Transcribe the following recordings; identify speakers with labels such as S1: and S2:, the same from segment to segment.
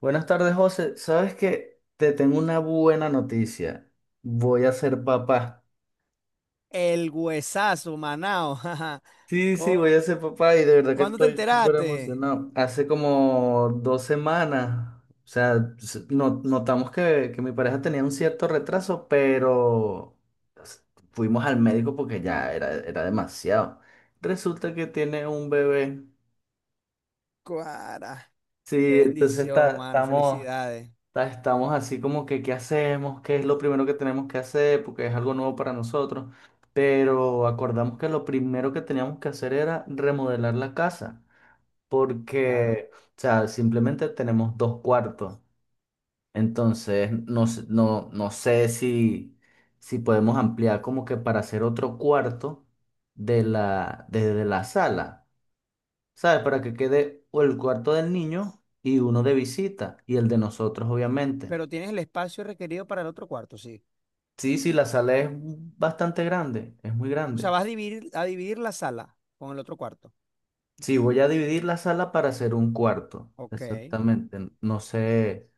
S1: Buenas tardes, José. ¿Sabes que te tengo una buena noticia? Voy a ser papá.
S2: El huesazo, Manao. jaja.
S1: Sí, sí, voy
S2: ¿Cómo-
S1: a ser papá y de verdad que
S2: ¿Cuándo te
S1: estoy súper
S2: enteraste?
S1: emocionado. Hace como 2 semanas, o sea, notamos que mi pareja tenía un cierto retraso, pero s- fuimos al médico porque ya era demasiado. Resulta que tiene un bebé.
S2: Cuara. Qué
S1: Sí, entonces
S2: bendición, mano.
S1: estamos.
S2: Felicidades.
S1: Estamos así como que, ¿qué hacemos? ¿Qué es lo primero que tenemos que hacer? Porque es algo nuevo para nosotros. Pero acordamos que lo primero que teníamos que hacer era remodelar la casa.
S2: Claro.
S1: Porque, o sea, simplemente tenemos dos cuartos. Entonces, no, no sé si, podemos ampliar como que para hacer otro cuarto desde la sala. ¿Sabes? Para que quede o el cuarto del niño y uno de visita y el de nosotros, obviamente.
S2: Pero tienes el espacio requerido para el otro cuarto, sí.
S1: Sí, sí, la sala es bastante grande, es muy
S2: O sea,
S1: grande.
S2: vas a dividir la sala con el otro cuarto.
S1: Sí, voy a dividir la sala para hacer un cuarto,
S2: Ok.
S1: exactamente. No sé,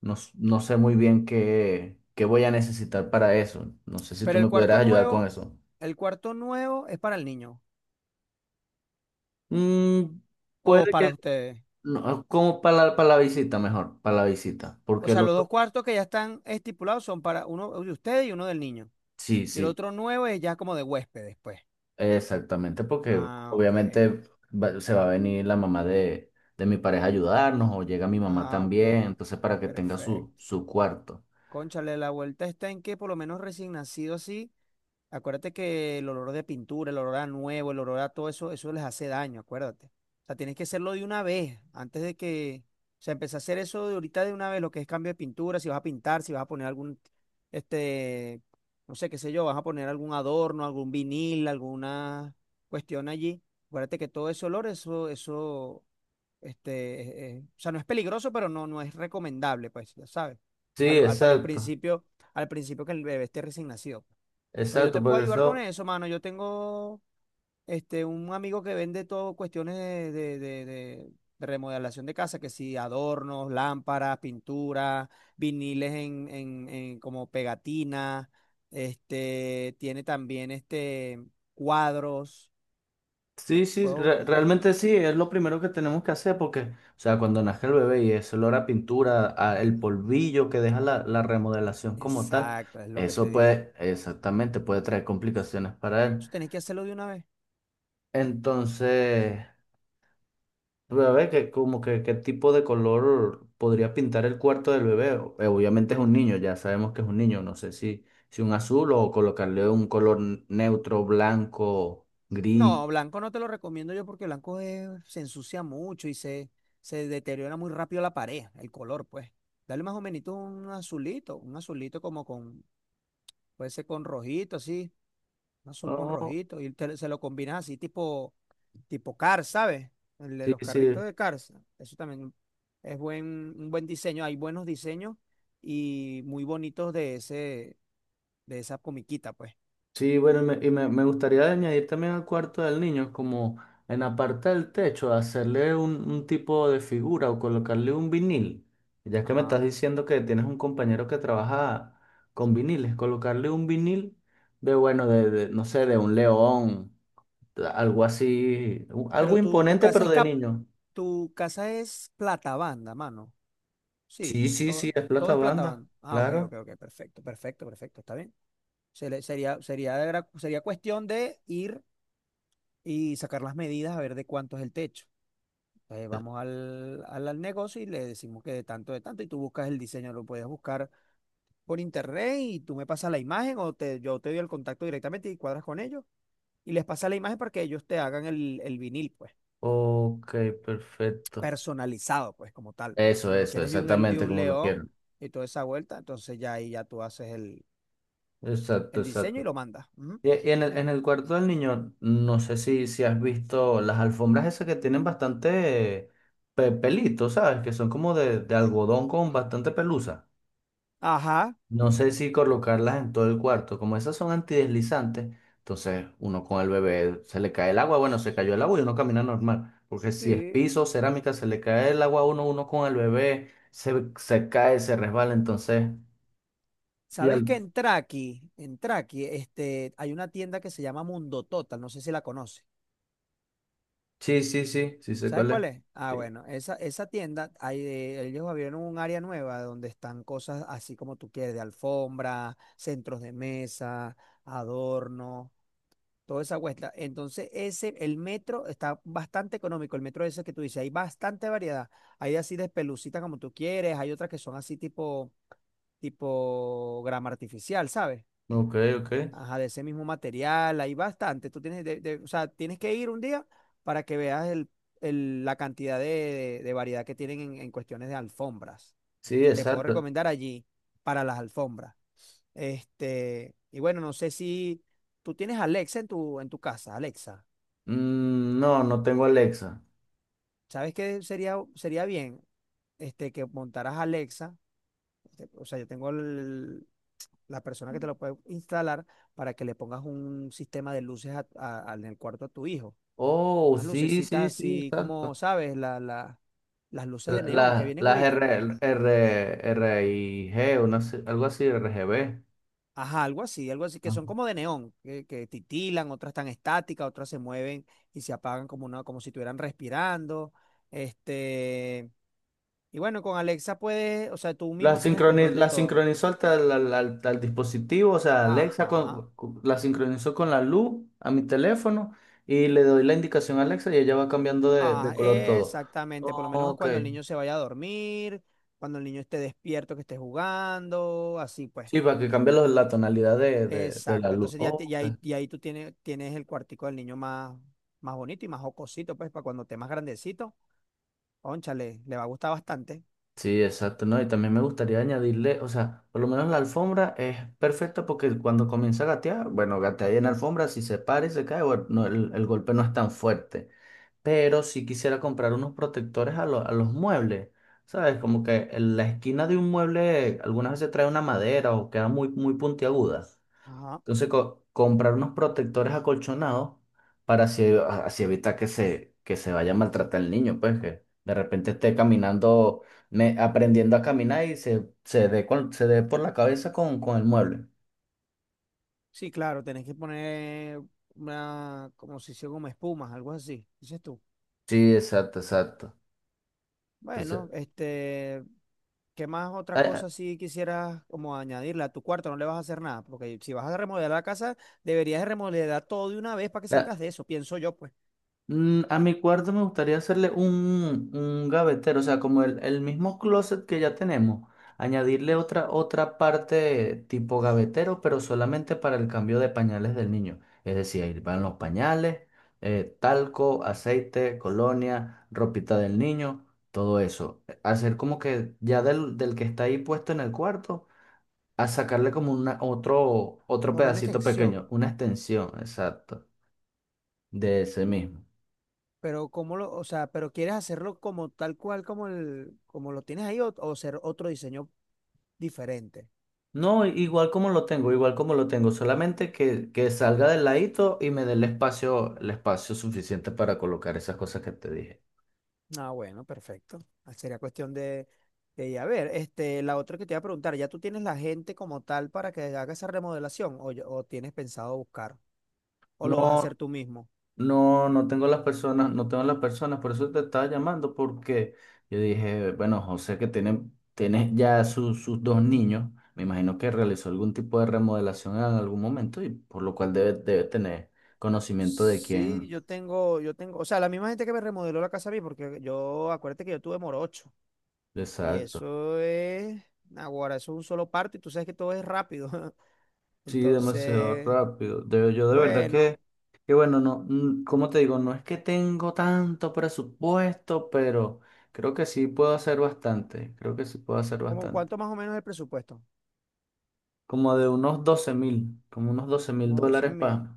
S1: no, no sé muy bien qué, voy a necesitar para eso. No sé si
S2: Pero
S1: tú
S2: el
S1: me
S2: cuarto
S1: pudieras ayudar con
S2: nuevo,
S1: eso.
S2: el cuarto nuevo es para el niño
S1: Mm,
S2: o
S1: Puede
S2: para
S1: que,
S2: ustedes.
S1: no, como para la visita mejor, para la visita,
S2: O
S1: porque
S2: sea,
S1: el
S2: los dos
S1: otro,
S2: cuartos que ya están estipulados son para uno de ustedes y uno del niño.
S1: sí,
S2: Y el
S1: sí.
S2: otro nuevo es ya como de huéspedes, pues.
S1: Exactamente, porque
S2: Ah, ok.
S1: obviamente se va a venir la mamá de, mi pareja a ayudarnos o llega mi mamá
S2: Ah,
S1: también,
S2: ok.
S1: entonces para que tenga su,
S2: Perfecto.
S1: su cuarto.
S2: Cónchale, la vuelta está en que por lo menos recién nacido así, acuérdate que el olor de pintura, el olor a nuevo, el olor a todo eso, eso les hace daño, acuérdate. O sea, tienes que hacerlo de una vez, antes de que, o sea, empecé a hacer eso de ahorita de una vez, lo que es cambio de pintura, si vas a pintar, si vas a poner algún, este, no sé, qué sé yo, vas a poner algún adorno, algún vinil, alguna cuestión allí. Acuérdate que todo ese olor, eso, eso. Este, o sea, no es peligroso, pero no, no es recomendable, pues, ya sabes.
S1: Sí,
S2: Para los
S1: exacto,
S2: principios, al principio que el bebé esté recién nacido. Pero yo
S1: exacto,
S2: te
S1: por
S2: puedo ayudar con
S1: eso,
S2: eso, mano. Yo tengo un amigo que vende todo cuestiones de remodelación de casa, que si adornos, lámparas, pinturas, viniles en como pegatinas, tiene también cuadros.
S1: sí, sí,
S2: Ujú.
S1: realmente sí, es lo primero que tenemos que hacer porque, o sea, cuando nace el bebé y ese olor a pintura, a el polvillo que deja la remodelación como tal,
S2: Exacto, es lo que te
S1: eso
S2: digo.
S1: puede, exactamente, puede traer complicaciones para
S2: Tú
S1: él.
S2: tenés que hacerlo de una vez.
S1: Entonces. A ver, que como que qué tipo de color podría pintar el cuarto del bebé. Obviamente es un niño, ya sabemos que es un niño. No sé si, un azul o colocarle un color neutro, blanco, gris.
S2: No, blanco no te lo recomiendo yo porque se ensucia mucho y se deteriora muy rápido la pared, el color, pues. Dale más o menos un azulito como con, puede ser con rojito, así, un azul con
S1: Oh,
S2: rojito, y se lo combinas así tipo, Cars, ¿sabes? El de
S1: sí,
S2: los
S1: sí.
S2: carritos de Cars. Eso también es buen, un buen diseño, hay buenos diseños y muy bonitos de ese, de esa comiquita, pues.
S1: Sí, bueno, y me gustaría añadir también al cuarto del niño, como en la parte del techo, hacerle un tipo de figura o colocarle un vinil. Ya que me estás
S2: Ajá.
S1: diciendo que tienes un compañero que trabaja con viniles, colocarle un vinil de, bueno, de, no sé, de un león, de algo así,
S2: Pero
S1: algo
S2: tu, tu
S1: imponente,
S2: casa
S1: pero
S2: es
S1: de
S2: cap,
S1: niño.
S2: tu casa es plata banda, mano. Sí,
S1: Sí, sí, sí,
S2: todo,
S1: es
S2: todo
S1: plata
S2: es plata
S1: banda,
S2: banda. Ah, ok,
S1: claro.
S2: ok, ok, perfecto, perfecto, perfecto, está bien. Se le- sería, sería, de gra- sería cuestión de ir y sacar las medidas a ver de cuánto es el techo. Vamos al negocio y le decimos que de tanto, y tú buscas el diseño, lo puedes buscar por internet y tú me pasas la imagen o yo te doy el contacto directamente y cuadras con ellos y les pasas la imagen para que ellos te hagan el vinil, pues.
S1: Ok, perfecto.
S2: Personalizado, pues como tal.
S1: Eso,
S2: Como lo
S1: eso,
S2: quieres de un, de
S1: exactamente
S2: un
S1: como lo
S2: león
S1: quiero.
S2: y toda esa vuelta, entonces ya ahí ya tú haces el,
S1: Exacto,
S2: el diseño y
S1: exacto.
S2: lo mandas. Ujú.
S1: Y en el, cuarto del niño, no sé si has visto las alfombras esas que tienen bastante pelito, ¿sabes? Que son como de algodón con bastante pelusa.
S2: Ajá,
S1: No sé si colocarlas en todo el cuarto. Como esas son antideslizantes, entonces uno con el bebé se le cae el agua. Bueno, se cayó el agua y uno camina normal. Porque si es
S2: sí.
S1: piso, cerámica, se le cae el agua a uno, uno con el bebé se, cae, se resbala. Entonces, y
S2: ¿Sabes que
S1: al-
S2: en Traki, hay una tienda que se llama Mundo Total, no sé si la conoces.
S1: sí, sí, sí, sí sé
S2: ¿Sabes
S1: cuál
S2: cuál
S1: es.
S2: es? Ah,
S1: Sí.
S2: bueno, esa tienda, ellos abrieron un área nueva donde están cosas así como tú quieres, de alfombra, centros de mesa, adornos toda esa cuesta. Entonces, el metro está bastante económico, el metro ese que tú dices, hay bastante variedad. Hay así de pelucita como tú quieres, hay otras que son así tipo grama artificial, ¿sabes?
S1: Ok, ok.
S2: Ajá, de ese mismo material, hay bastante. Tú tienes, o sea, tienes que ir un día para que veas la cantidad de variedad que tienen en cuestiones de alfombras.
S1: Sí,
S2: Te puedo
S1: exacto.
S2: recomendar allí para las alfombras. Y bueno, no sé si tú tienes Alexa en tu casa, Alexa.
S1: No, no tengo Alexa.
S2: ¿Sabes qué sería bien? Que montaras Alexa. O sea, yo tengo la persona que te lo puede instalar para que le pongas un sistema de luces en el cuarto a tu hijo.
S1: Oh,
S2: Unas
S1: sí, sí,
S2: lucecitas
S1: sí,
S2: así como,
S1: exacto.
S2: ¿sabes? Las luces de neón que vienen
S1: Las
S2: ahorita.
S1: R, RIG, algo así, R, RGB.
S2: Ajá, algo así, que
S1: Ajá.
S2: son como de neón, que titilan, otras están estáticas, otras se mueven y se apagan como una, como si estuvieran respirando. Este, y bueno, con Alexa puedes, o sea, tú
S1: La
S2: mismo tienes el
S1: sincroni-
S2: control de
S1: la
S2: todo.
S1: sincronizó hasta al, tel- al- al- al dispositivo, o sea, Alexa
S2: Ajá,
S1: la sincronizó con la luz a mi teléfono y le doy la indicación a Alexa y ella va cambiando de,
S2: ah,
S1: color todo.
S2: exactamente, por lo menos
S1: Ok,
S2: cuando el niño se vaya a dormir, cuando el niño esté despierto, que esté jugando, así pues.
S1: sí, para que cambie la tonalidad de la
S2: Exacto,
S1: luz.
S2: entonces ya, te-
S1: Ok.
S2: ya, ahí- ya ahí tú tienes el cuartico del niño más bonito y más jocosito, pues, para cuando esté más grandecito. Cónchale, le va a gustar bastante.
S1: Sí, exacto, ¿no? Y también me gustaría añadirle, o sea, por lo menos la alfombra es perfecta porque cuando comienza a gatear, bueno, gatea ahí en la alfombra, si se para y se cae, bueno, no, el golpe no es tan fuerte. Pero sí quisiera comprar unos protectores a los muebles, ¿sabes? Como que en la esquina de un mueble algunas veces trae una madera o queda muy, muy puntiaguda.
S2: Ajá.
S1: Entonces, comprar unos protectores acolchonados para así, así evitar que se, vaya a maltratar el niño, pues que de repente esté caminando, aprendiendo a caminar y se dé por la cabeza con, el mueble.
S2: Sí, claro, tenés que poner una, como si hiciera como espumas, algo así, dices tú.
S1: Sí, exacto, exacto. Entonces,
S2: Bueno, ¿qué más otra
S1: a-
S2: cosa si quisieras como añadirle a tu cuarto? No le vas a hacer nada, porque si vas a remodelar la casa, deberías de remodelar todo de una vez para que
S1: a-
S2: salgas de eso, pienso yo, pues,
S1: A mi cuarto me gustaría hacerle un, gavetero, o sea, como el mismo closet que ya tenemos, añadirle otra parte tipo gavetero, pero solamente para el cambio de pañales del niño. Es decir, ahí van los pañales, talco, aceite, colonia, ropita del niño, todo eso. Hacer como que ya del, que está ahí puesto en el cuarto, a sacarle como una, otro
S2: como una
S1: pedacito pequeño,
S2: extensión.
S1: una extensión, exacto, de ese mismo.
S2: Pero o sea, pero quieres hacerlo como tal cual como lo tienes ahí o ser otro diseño diferente.
S1: No, igual como lo tengo, igual como lo tengo, solamente que salga del ladito y me dé el espacio suficiente para colocar esas cosas que te dije.
S2: Ah, bueno, perfecto. Ah, sería cuestión de ir a ver. La otra que te iba a preguntar, ¿ya tú tienes la gente como tal para que haga esa remodelación o tienes pensado buscar o lo vas a
S1: No,
S2: hacer tú mismo?
S1: no, no tengo las personas, no tengo las personas, por eso te estaba llamando, porque yo dije, bueno, José que tiene ya sus dos niños, me imagino que realizó algún tipo de remodelación en algún momento y por lo cual debe tener conocimiento de
S2: Sí,
S1: quién.
S2: yo tengo, o sea, la misma gente que me remodeló la casa a mí, porque acuérdate que yo tuve morocho y
S1: Exacto.
S2: ahora eso es un solo parto y tú sabes que todo es rápido.
S1: Sí, demasiado
S2: Entonces,
S1: rápido. Yo de verdad
S2: bueno,
S1: que bueno, no, como te digo, no es que tengo tanto presupuesto, pero creo que sí puedo hacer bastante. Creo que sí puedo hacer
S2: ¿como
S1: bastante.
S2: cuánto más o menos el presupuesto?
S1: Como de unos 12.000, como unos 12.000
S2: Como 12
S1: dólares
S2: mil.
S1: para.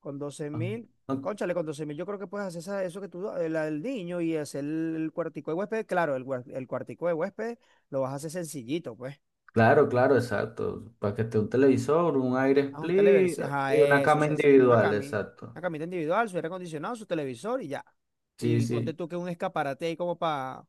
S2: Con 12 mil, cónchale, con 12 mil, yo creo que puedes hacer eso que tú, el niño y hacer cuartico de huésped. Claro, el cuartico de huésped lo vas a hacer sencillito, pues.
S1: Claro, claro, exacto. Para que esté un televisor, un aire
S2: A un
S1: split
S2: televisor, ajá,
S1: y una
S2: eso,
S1: cama
S2: sencillito,
S1: individual, exacto.
S2: una camita individual, su aire acondicionado, su televisor y ya.
S1: Sí,
S2: Y ponte
S1: sí,
S2: tú que un escaparate ahí como para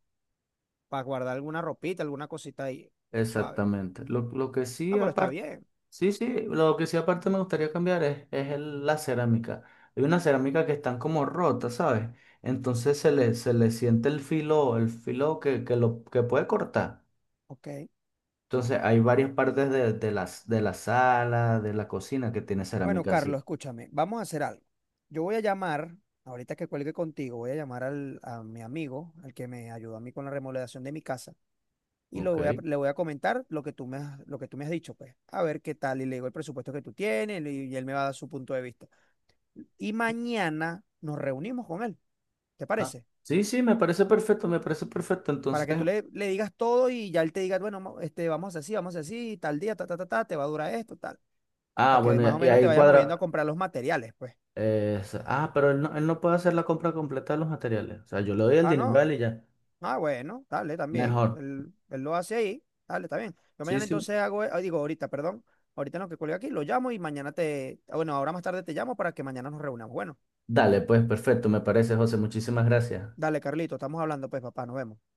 S2: guardar alguna ropita, alguna cosita ahí, suave.
S1: exactamente. Lo,
S2: Ujú.
S1: lo que sí,
S2: No, pero está
S1: aparte.
S2: bien.
S1: Sí, sí, lo que sí aparte me gustaría cambiar es la cerámica. Hay una cerámica que están como rotas, ¿sabes? Entonces se le siente el filo, que puede cortar.
S2: Ok.
S1: Entonces hay varias partes de la sala, de la cocina que tiene
S2: Bueno,
S1: cerámica así.
S2: Carlos, escúchame, vamos a hacer algo. Yo voy a llamar, ahorita que cuelgue contigo, voy a llamar a mi amigo, al que me ayudó a mí con la remodelación de mi casa, y
S1: Ok.
S2: le voy a comentar lo que tú me has, lo que tú me has dicho, pues, a ver qué tal, y le digo el presupuesto que tú tienes, y, él me va a dar su punto de vista. Y mañana nos reunimos con él, ¿te
S1: Ah,
S2: parece?
S1: sí, sí, me parece perfecto, me parece perfecto.
S2: Para
S1: Entonces,
S2: que tú le digas todo y ya él te diga, bueno, vamos a hacer así, vamos a hacer así, tal día, ta, ta, ta, ta, te va a durar esto, tal,
S1: ah,
S2: para que
S1: bueno,
S2: más o
S1: y
S2: menos te
S1: ahí
S2: vayas moviendo
S1: cuadra.
S2: a comprar los materiales, pues.
S1: Pero él no, puede hacer la compra completa de los materiales. O sea, yo le doy el
S2: Ah,
S1: dinero a
S2: no.
S1: él y ya.
S2: Ah, bueno, dale, también.
S1: Mejor.
S2: Él lo hace ahí. Dale, está bien. Yo
S1: Sí,
S2: mañana
S1: sí.
S2: entonces hago, ah, digo, ahorita, perdón. Ahorita no que cuelgue aquí, lo llamo y mañana te, ah, bueno, ahora más tarde te llamo para que mañana nos reunamos. Bueno,
S1: Dale, pues perfecto, me parece, José. Muchísimas gracias.
S2: dale, Carlito, estamos hablando, pues, papá, nos vemos.